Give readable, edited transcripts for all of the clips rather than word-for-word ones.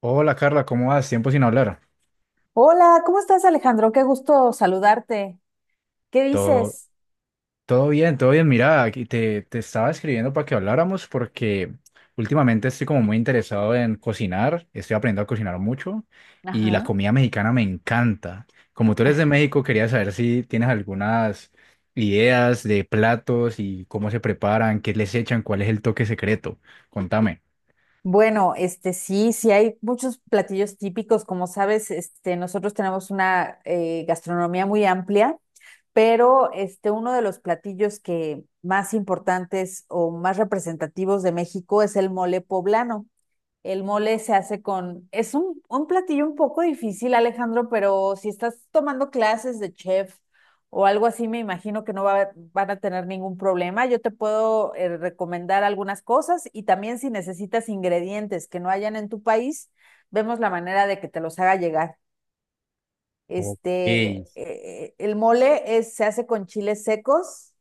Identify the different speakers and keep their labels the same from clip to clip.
Speaker 1: Hola Carla, ¿cómo vas? Tiempo sin hablar.
Speaker 2: Hola, ¿cómo estás, Alejandro? Qué gusto saludarte. ¿Qué
Speaker 1: Todo,
Speaker 2: dices?
Speaker 1: todo bien, todo bien. Mira, aquí te estaba escribiendo para que habláramos porque últimamente estoy como muy interesado en cocinar, estoy aprendiendo a cocinar mucho y la
Speaker 2: Ajá.
Speaker 1: comida mexicana me encanta. Como tú eres de México, quería saber si tienes algunas ideas de platos y cómo se preparan, qué les echan, cuál es el toque secreto. Contame.
Speaker 2: Bueno, sí, hay muchos platillos típicos, como sabes, este nosotros tenemos una gastronomía muy amplia, pero este uno de los platillos que más importantes o más representativos de México es el mole poblano. El mole se hace con, es un platillo un poco difícil, Alejandro, pero si estás tomando clases de chef o algo así, me imagino que no va- van a tener ningún problema. Yo te puedo recomendar algunas cosas y también si necesitas ingredientes que no hayan en tu país, vemos la manera de que te los haga llegar.
Speaker 1: Ok.
Speaker 2: Se hace con chiles secos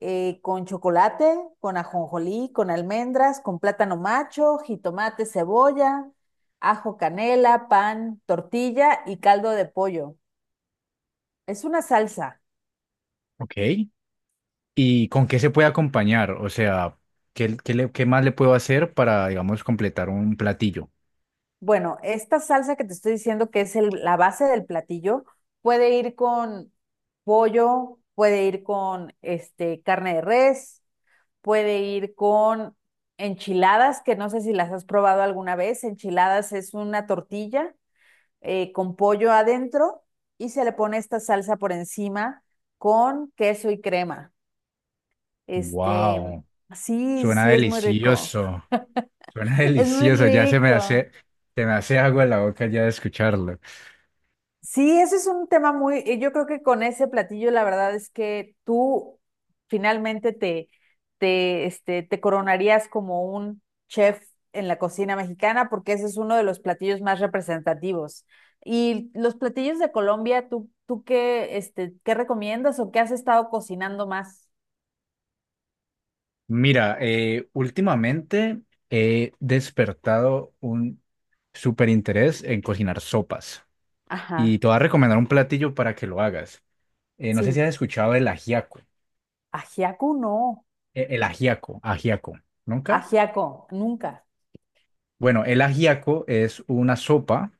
Speaker 2: con chocolate, con ajonjolí, con almendras, con plátano macho, jitomate, cebolla, ajo, canela, pan, tortilla y caldo de pollo. Es una salsa.
Speaker 1: ¿Ok? ¿Y con qué se puede acompañar? O sea, qué más le puedo hacer para, digamos, completar un platillo?
Speaker 2: Bueno, esta salsa que te estoy diciendo que es la base del platillo puede ir con pollo, puede ir con este carne de res, puede ir con enchiladas, que no sé si las has probado alguna vez. Enchiladas es una tortilla con pollo adentro y se le pone esta salsa por encima con queso y crema. Este,
Speaker 1: Wow,
Speaker 2: sí,
Speaker 1: suena
Speaker 2: sí, es muy rico.
Speaker 1: delicioso, suena
Speaker 2: Es muy
Speaker 1: delicioso, ya se me
Speaker 2: rico.
Speaker 1: hace, se me hace agua en la boca ya de escucharlo.
Speaker 2: Sí, ese es un tema muy, yo creo que con ese platillo la verdad es que tú finalmente te coronarías como un chef en la cocina mexicana porque ese es uno de los platillos más representativos. Y los platillos de Colombia, ¿tú qué, este, qué recomiendas o qué has estado cocinando más?
Speaker 1: Mira, últimamente he despertado un súper interés en cocinar sopas y
Speaker 2: Ajá,
Speaker 1: te voy a recomendar un platillo para que lo hagas. No sé si
Speaker 2: sí.
Speaker 1: has escuchado el ajiaco,
Speaker 2: Ajiaco no.
Speaker 1: el ajiaco, ¿nunca?
Speaker 2: Ajiaco, nunca.
Speaker 1: Bueno, el ajiaco es una sopa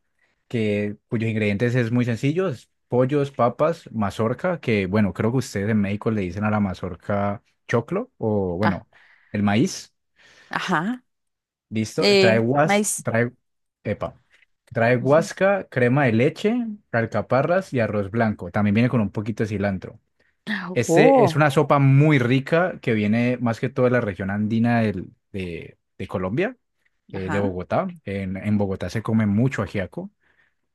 Speaker 1: que, cuyos ingredientes es muy sencillo, es pollos, papas, mazorca, que bueno, creo que ustedes en México le dicen a la mazorca choclo o
Speaker 2: Ah,
Speaker 1: bueno, el maíz,
Speaker 2: ajá.
Speaker 1: listo,
Speaker 2: Maíz.
Speaker 1: epa, trae
Speaker 2: Ujú.
Speaker 1: guasca, crema de leche, alcaparras y arroz blanco. También viene con un poquito de cilantro. Este es
Speaker 2: Oh,
Speaker 1: una sopa muy rica que viene más que todo de la región andina de Colombia, de
Speaker 2: ajá.
Speaker 1: Bogotá. En Bogotá se come mucho ajiaco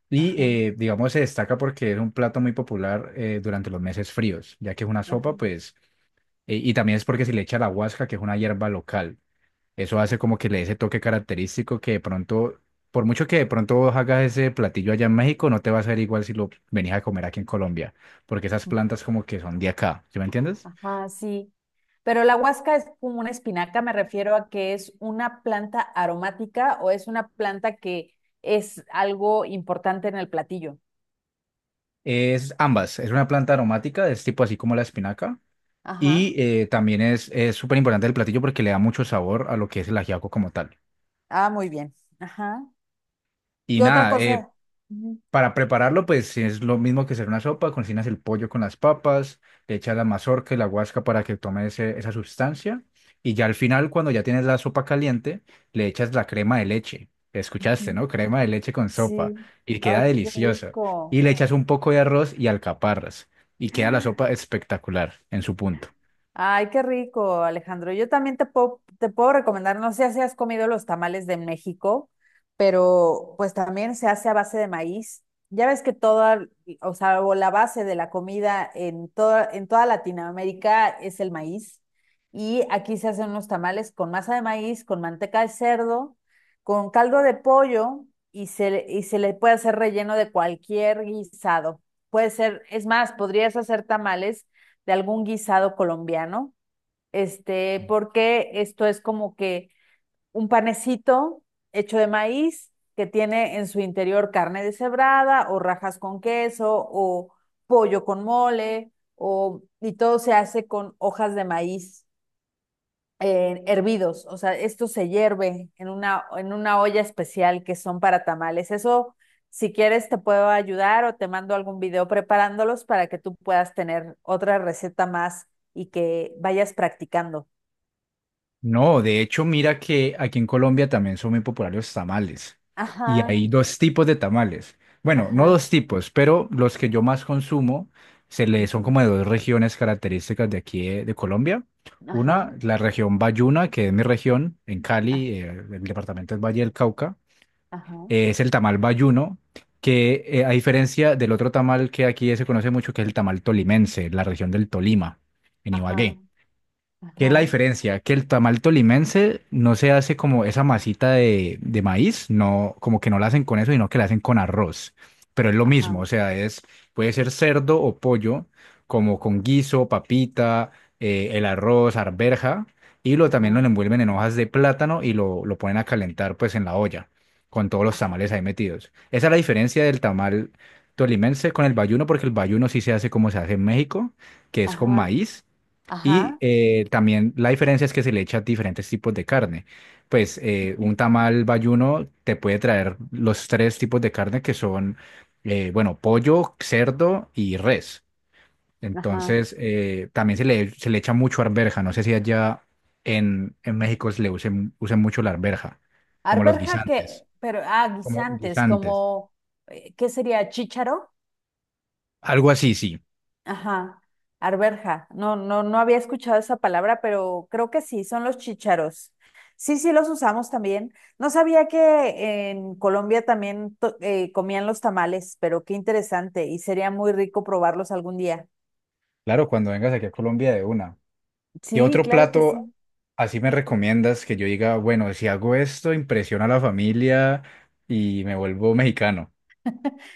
Speaker 1: y
Speaker 2: Ajá.
Speaker 1: digamos se destaca porque es un plato muy popular durante los meses fríos, ya que es una
Speaker 2: Ajá,
Speaker 1: sopa pues y también es porque se le echa la huasca, que es una hierba local. Eso hace
Speaker 2: ajá.
Speaker 1: como que le dé ese toque característico que de pronto, por mucho que de pronto vos hagas ese platillo allá en México, no te va a ser igual si lo venís a comer aquí en Colombia, porque esas plantas como que son de acá, ¿sí me entiendes?
Speaker 2: Ajá, sí. Pero la huasca es como una espinaca, me refiero a que es una planta aromática o es una planta que es algo importante en el platillo.
Speaker 1: Es ambas, es una planta aromática, es tipo así como la espinaca. Y
Speaker 2: Ajá.
Speaker 1: también es súper importante el platillo porque le da mucho sabor a lo que es el ajiaco como tal.
Speaker 2: Ah, muy bien. Ajá.
Speaker 1: Y
Speaker 2: ¿Qué otra
Speaker 1: nada, eh,
Speaker 2: cosa? Ujú,
Speaker 1: Para prepararlo, pues es lo mismo que hacer una sopa, cocinas el pollo con las papas, le echas la mazorca y la guasca para que tome esa sustancia y ya al final, cuando ya tienes la sopa caliente, le echas la crema de leche. Escuchaste,
Speaker 2: ujú.
Speaker 1: ¿no? Crema de leche con sopa
Speaker 2: Sí.
Speaker 1: y queda
Speaker 2: Ay, qué
Speaker 1: deliciosa. Y
Speaker 2: rico.
Speaker 1: le echas un poco de arroz y alcaparras y queda la sopa espectacular en su punto.
Speaker 2: Ay, qué rico, Alejandro. Yo también te puedo recomendar, no sé si has comido los tamales de México, pero pues también se hace a base de maíz. Ya ves que toda, o sea, o la base de la comida en toda Latinoamérica es el maíz. Y aquí se hacen unos tamales con masa de maíz, con manteca de cerdo, con caldo de pollo y se le puede hacer relleno de cualquier guisado. Puede ser, es más, podrías hacer tamales de algún guisado colombiano, este, porque esto es como que un panecito hecho de maíz que tiene en su interior carne deshebrada o rajas con queso o pollo con mole o, y todo se hace con hojas de maíz hervidos, o sea, esto se hierve en una olla especial que son para tamales. Eso, si quieres, te puedo ayudar o te mando algún video preparándolos para que tú puedas tener otra receta más y que vayas practicando.
Speaker 1: No, de hecho, mira que aquí en Colombia también son muy populares los tamales. Y hay
Speaker 2: Ajá,
Speaker 1: dos tipos de tamales. Bueno, no dos
Speaker 2: ajá,
Speaker 1: tipos, pero los que yo más consumo son
Speaker 2: ujú,
Speaker 1: como de dos regiones características de aquí de Colombia. Una,
Speaker 2: ajá,
Speaker 1: la región Bayuna, que es mi región, en
Speaker 2: a-
Speaker 1: Cali, el departamento es Valle del Cauca.
Speaker 2: ajá,
Speaker 1: Es el tamal bayuno, que a diferencia del otro tamal que aquí se conoce mucho, que es el tamal tolimense, la región del Tolima, en
Speaker 2: ajá,
Speaker 1: Ibagué. ¿Qué es la
Speaker 2: ajá,
Speaker 1: diferencia? Que el tamal tolimense no se hace como esa masita de maíz, no, como que no la hacen con eso, sino que la hacen con arroz. Pero es lo mismo, o
Speaker 2: ajá,
Speaker 1: sea, puede ser cerdo o pollo, como con guiso, papita, el arroz, arberja, y también lo
Speaker 2: ajá,
Speaker 1: envuelven en hojas de plátano y lo ponen a calentar pues en la olla, con todos los
Speaker 2: ajá,
Speaker 1: tamales ahí metidos. Esa es la diferencia del tamal tolimense con el bayuno, porque el bayuno sí se hace como se hace en México, que es con
Speaker 2: ajá,
Speaker 1: maíz y
Speaker 2: ajá,
Speaker 1: también la diferencia es que se le echa diferentes tipos de carne. Pues
Speaker 2: ujú,
Speaker 1: un tamal bayuno te puede traer los tres tipos de carne que son, bueno, pollo, cerdo y res.
Speaker 2: ajá.
Speaker 1: Entonces, también se le echa mucho arveja. No sé si allá en México se le usen mucho la arveja, como los
Speaker 2: Arberja que,
Speaker 1: guisantes,
Speaker 2: pero, ah,
Speaker 1: como
Speaker 2: guisantes,
Speaker 1: guisantes.
Speaker 2: como, ¿qué sería? ¿Chícharo?
Speaker 1: Algo así, sí.
Speaker 2: Ajá, arberja. No, no, no había escuchado esa palabra, pero creo que sí, son los chícharos. Sí, sí, los usamos también. No sabía que en Colombia también comían los tamales, pero qué interesante y sería muy rico probarlos algún día.
Speaker 1: Claro, cuando vengas aquí a Colombia de una. ¿Qué
Speaker 2: Sí,
Speaker 1: otro
Speaker 2: claro que
Speaker 1: plato
Speaker 2: sí.
Speaker 1: así me recomiendas que yo diga, bueno, si hago esto, impresiona a la familia y me vuelvo mexicano?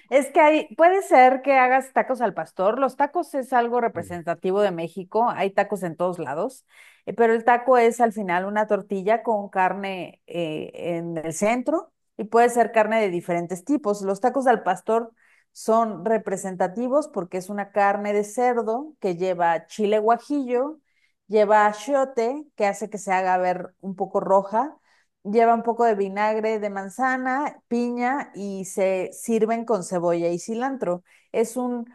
Speaker 2: Es que hay, puede ser que hagas tacos al pastor. Los tacos es algo representativo de México. Hay tacos en todos lados, pero el taco es al final una tortilla con carne en el centro y puede ser carne de diferentes tipos. Los tacos al pastor son representativos porque es una carne de cerdo que lleva chile guajillo, lleva achiote, que hace que se haga ver un poco roja. Lleva un poco de vinagre de manzana, piña y se sirven con cebolla y cilantro. Es un,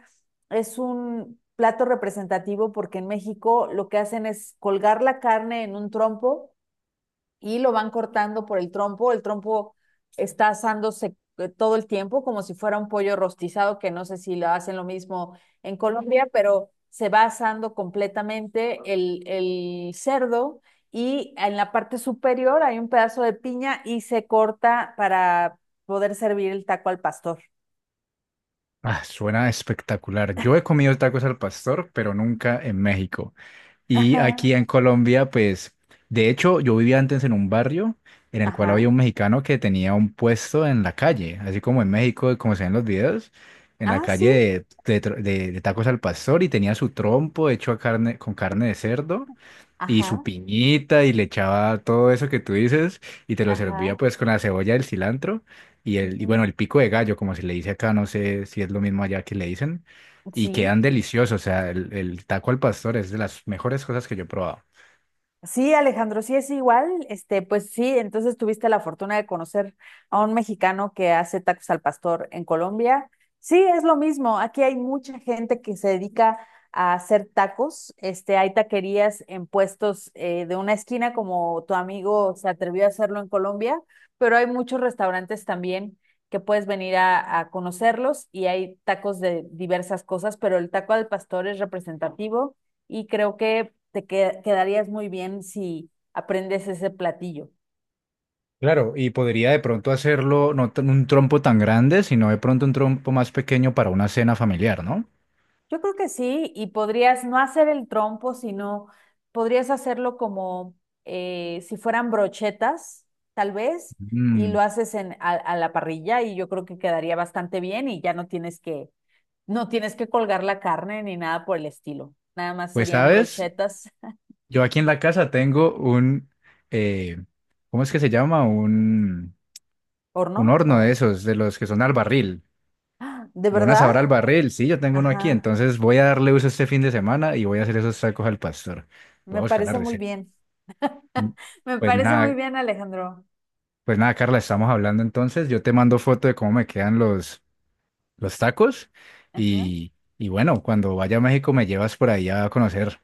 Speaker 2: es un plato representativo porque en México lo que hacen es colgar la carne en un trompo y lo van cortando por el trompo. El trompo está asándose todo el tiempo como si fuera un pollo rostizado, que no sé si lo hacen lo mismo en Colombia, pero se va asando completamente el cerdo y en la parte superior hay un pedazo de piña y se corta para poder servir el taco al pastor.
Speaker 1: Ah, suena espectacular. Yo he comido tacos al pastor, pero nunca en México. Y aquí
Speaker 2: Ajá,
Speaker 1: en Colombia, pues, de hecho, yo vivía antes en un barrio en el cual había
Speaker 2: ajá.
Speaker 1: un mexicano que tenía un puesto en la calle, así como en México, como se ven los videos, en la
Speaker 2: Ah, sí.
Speaker 1: calle de tacos al pastor y tenía su trompo hecho a carne, con carne de cerdo y su
Speaker 2: Ajá,
Speaker 1: piñita y le echaba todo eso que tú dices y te lo servía
Speaker 2: ajá.
Speaker 1: pues con la cebolla, el cilantro y el y
Speaker 2: Ujú.
Speaker 1: bueno, el pico de gallo, como se le dice acá, no sé si es lo mismo allá que le dicen, y
Speaker 2: Sí.
Speaker 1: quedan deliciosos, o sea, el taco al pastor es de las mejores cosas que yo he probado.
Speaker 2: Sí, Alejandro, sí es igual. Este, pues sí, entonces tuviste la fortuna de conocer a un mexicano que hace tacos al pastor en Colombia. Sí, es lo mismo. Aquí hay mucha gente que se dedica a hacer tacos. Este, hay taquerías en puestos de una esquina, como tu amigo se atrevió a hacerlo en Colombia, pero hay muchos restaurantes también que puedes venir a conocerlos y hay tacos de diversas cosas, pero el taco al pastor es representativo y creo que quedarías muy bien si aprendes ese platillo.
Speaker 1: Claro, y podría de pronto hacerlo no tan- un trompo tan grande, sino de pronto un trompo más pequeño para una cena familiar, ¿no?
Speaker 2: Yo creo que sí, y podrías no hacer el trompo, sino podrías hacerlo como si fueran brochetas, tal vez, y
Speaker 1: Mm,
Speaker 2: lo haces a la parrilla y yo creo que quedaría bastante bien y ya no tienes que, no tienes que colgar la carne ni nada por el estilo. Nada más
Speaker 1: pues
Speaker 2: serían
Speaker 1: sabes,
Speaker 2: brochetas.
Speaker 1: yo aquí en la casa tengo un, eh, ¿cómo es que se llama? un
Speaker 2: Horno
Speaker 1: Un horno de
Speaker 2: o...
Speaker 1: esos, de los que son al barril,
Speaker 2: ¿De
Speaker 1: de una
Speaker 2: verdad?
Speaker 1: sabor al barril. Sí, yo tengo uno aquí,
Speaker 2: Ajá,
Speaker 1: entonces voy a darle uso este fin de semana y voy a hacer esos tacos al pastor. Voy a
Speaker 2: me
Speaker 1: buscar la
Speaker 2: parece muy
Speaker 1: receta.
Speaker 2: bien.
Speaker 1: Mm.
Speaker 2: Me
Speaker 1: Pues
Speaker 2: parece muy
Speaker 1: nada,
Speaker 2: bien, Alejandro.
Speaker 1: pues nada, Carla, estamos hablando entonces. Yo te mando foto de cómo me quedan los tacos
Speaker 2: Ajá.
Speaker 1: y bueno, cuando vaya a México me llevas por ahí a conocer.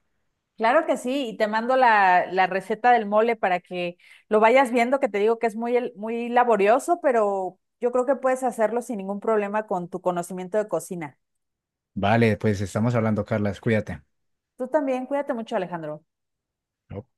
Speaker 2: Claro que sí, y te mando la receta del mole para que lo vayas viendo, que te digo que es muy, muy laborioso, pero yo creo que puedes hacerlo sin ningún problema con tu conocimiento de cocina.
Speaker 1: Vale, pues estamos hablando, Carla, cuídate.
Speaker 2: Tú también, cuídate mucho, Alejandro.
Speaker 1: Ok.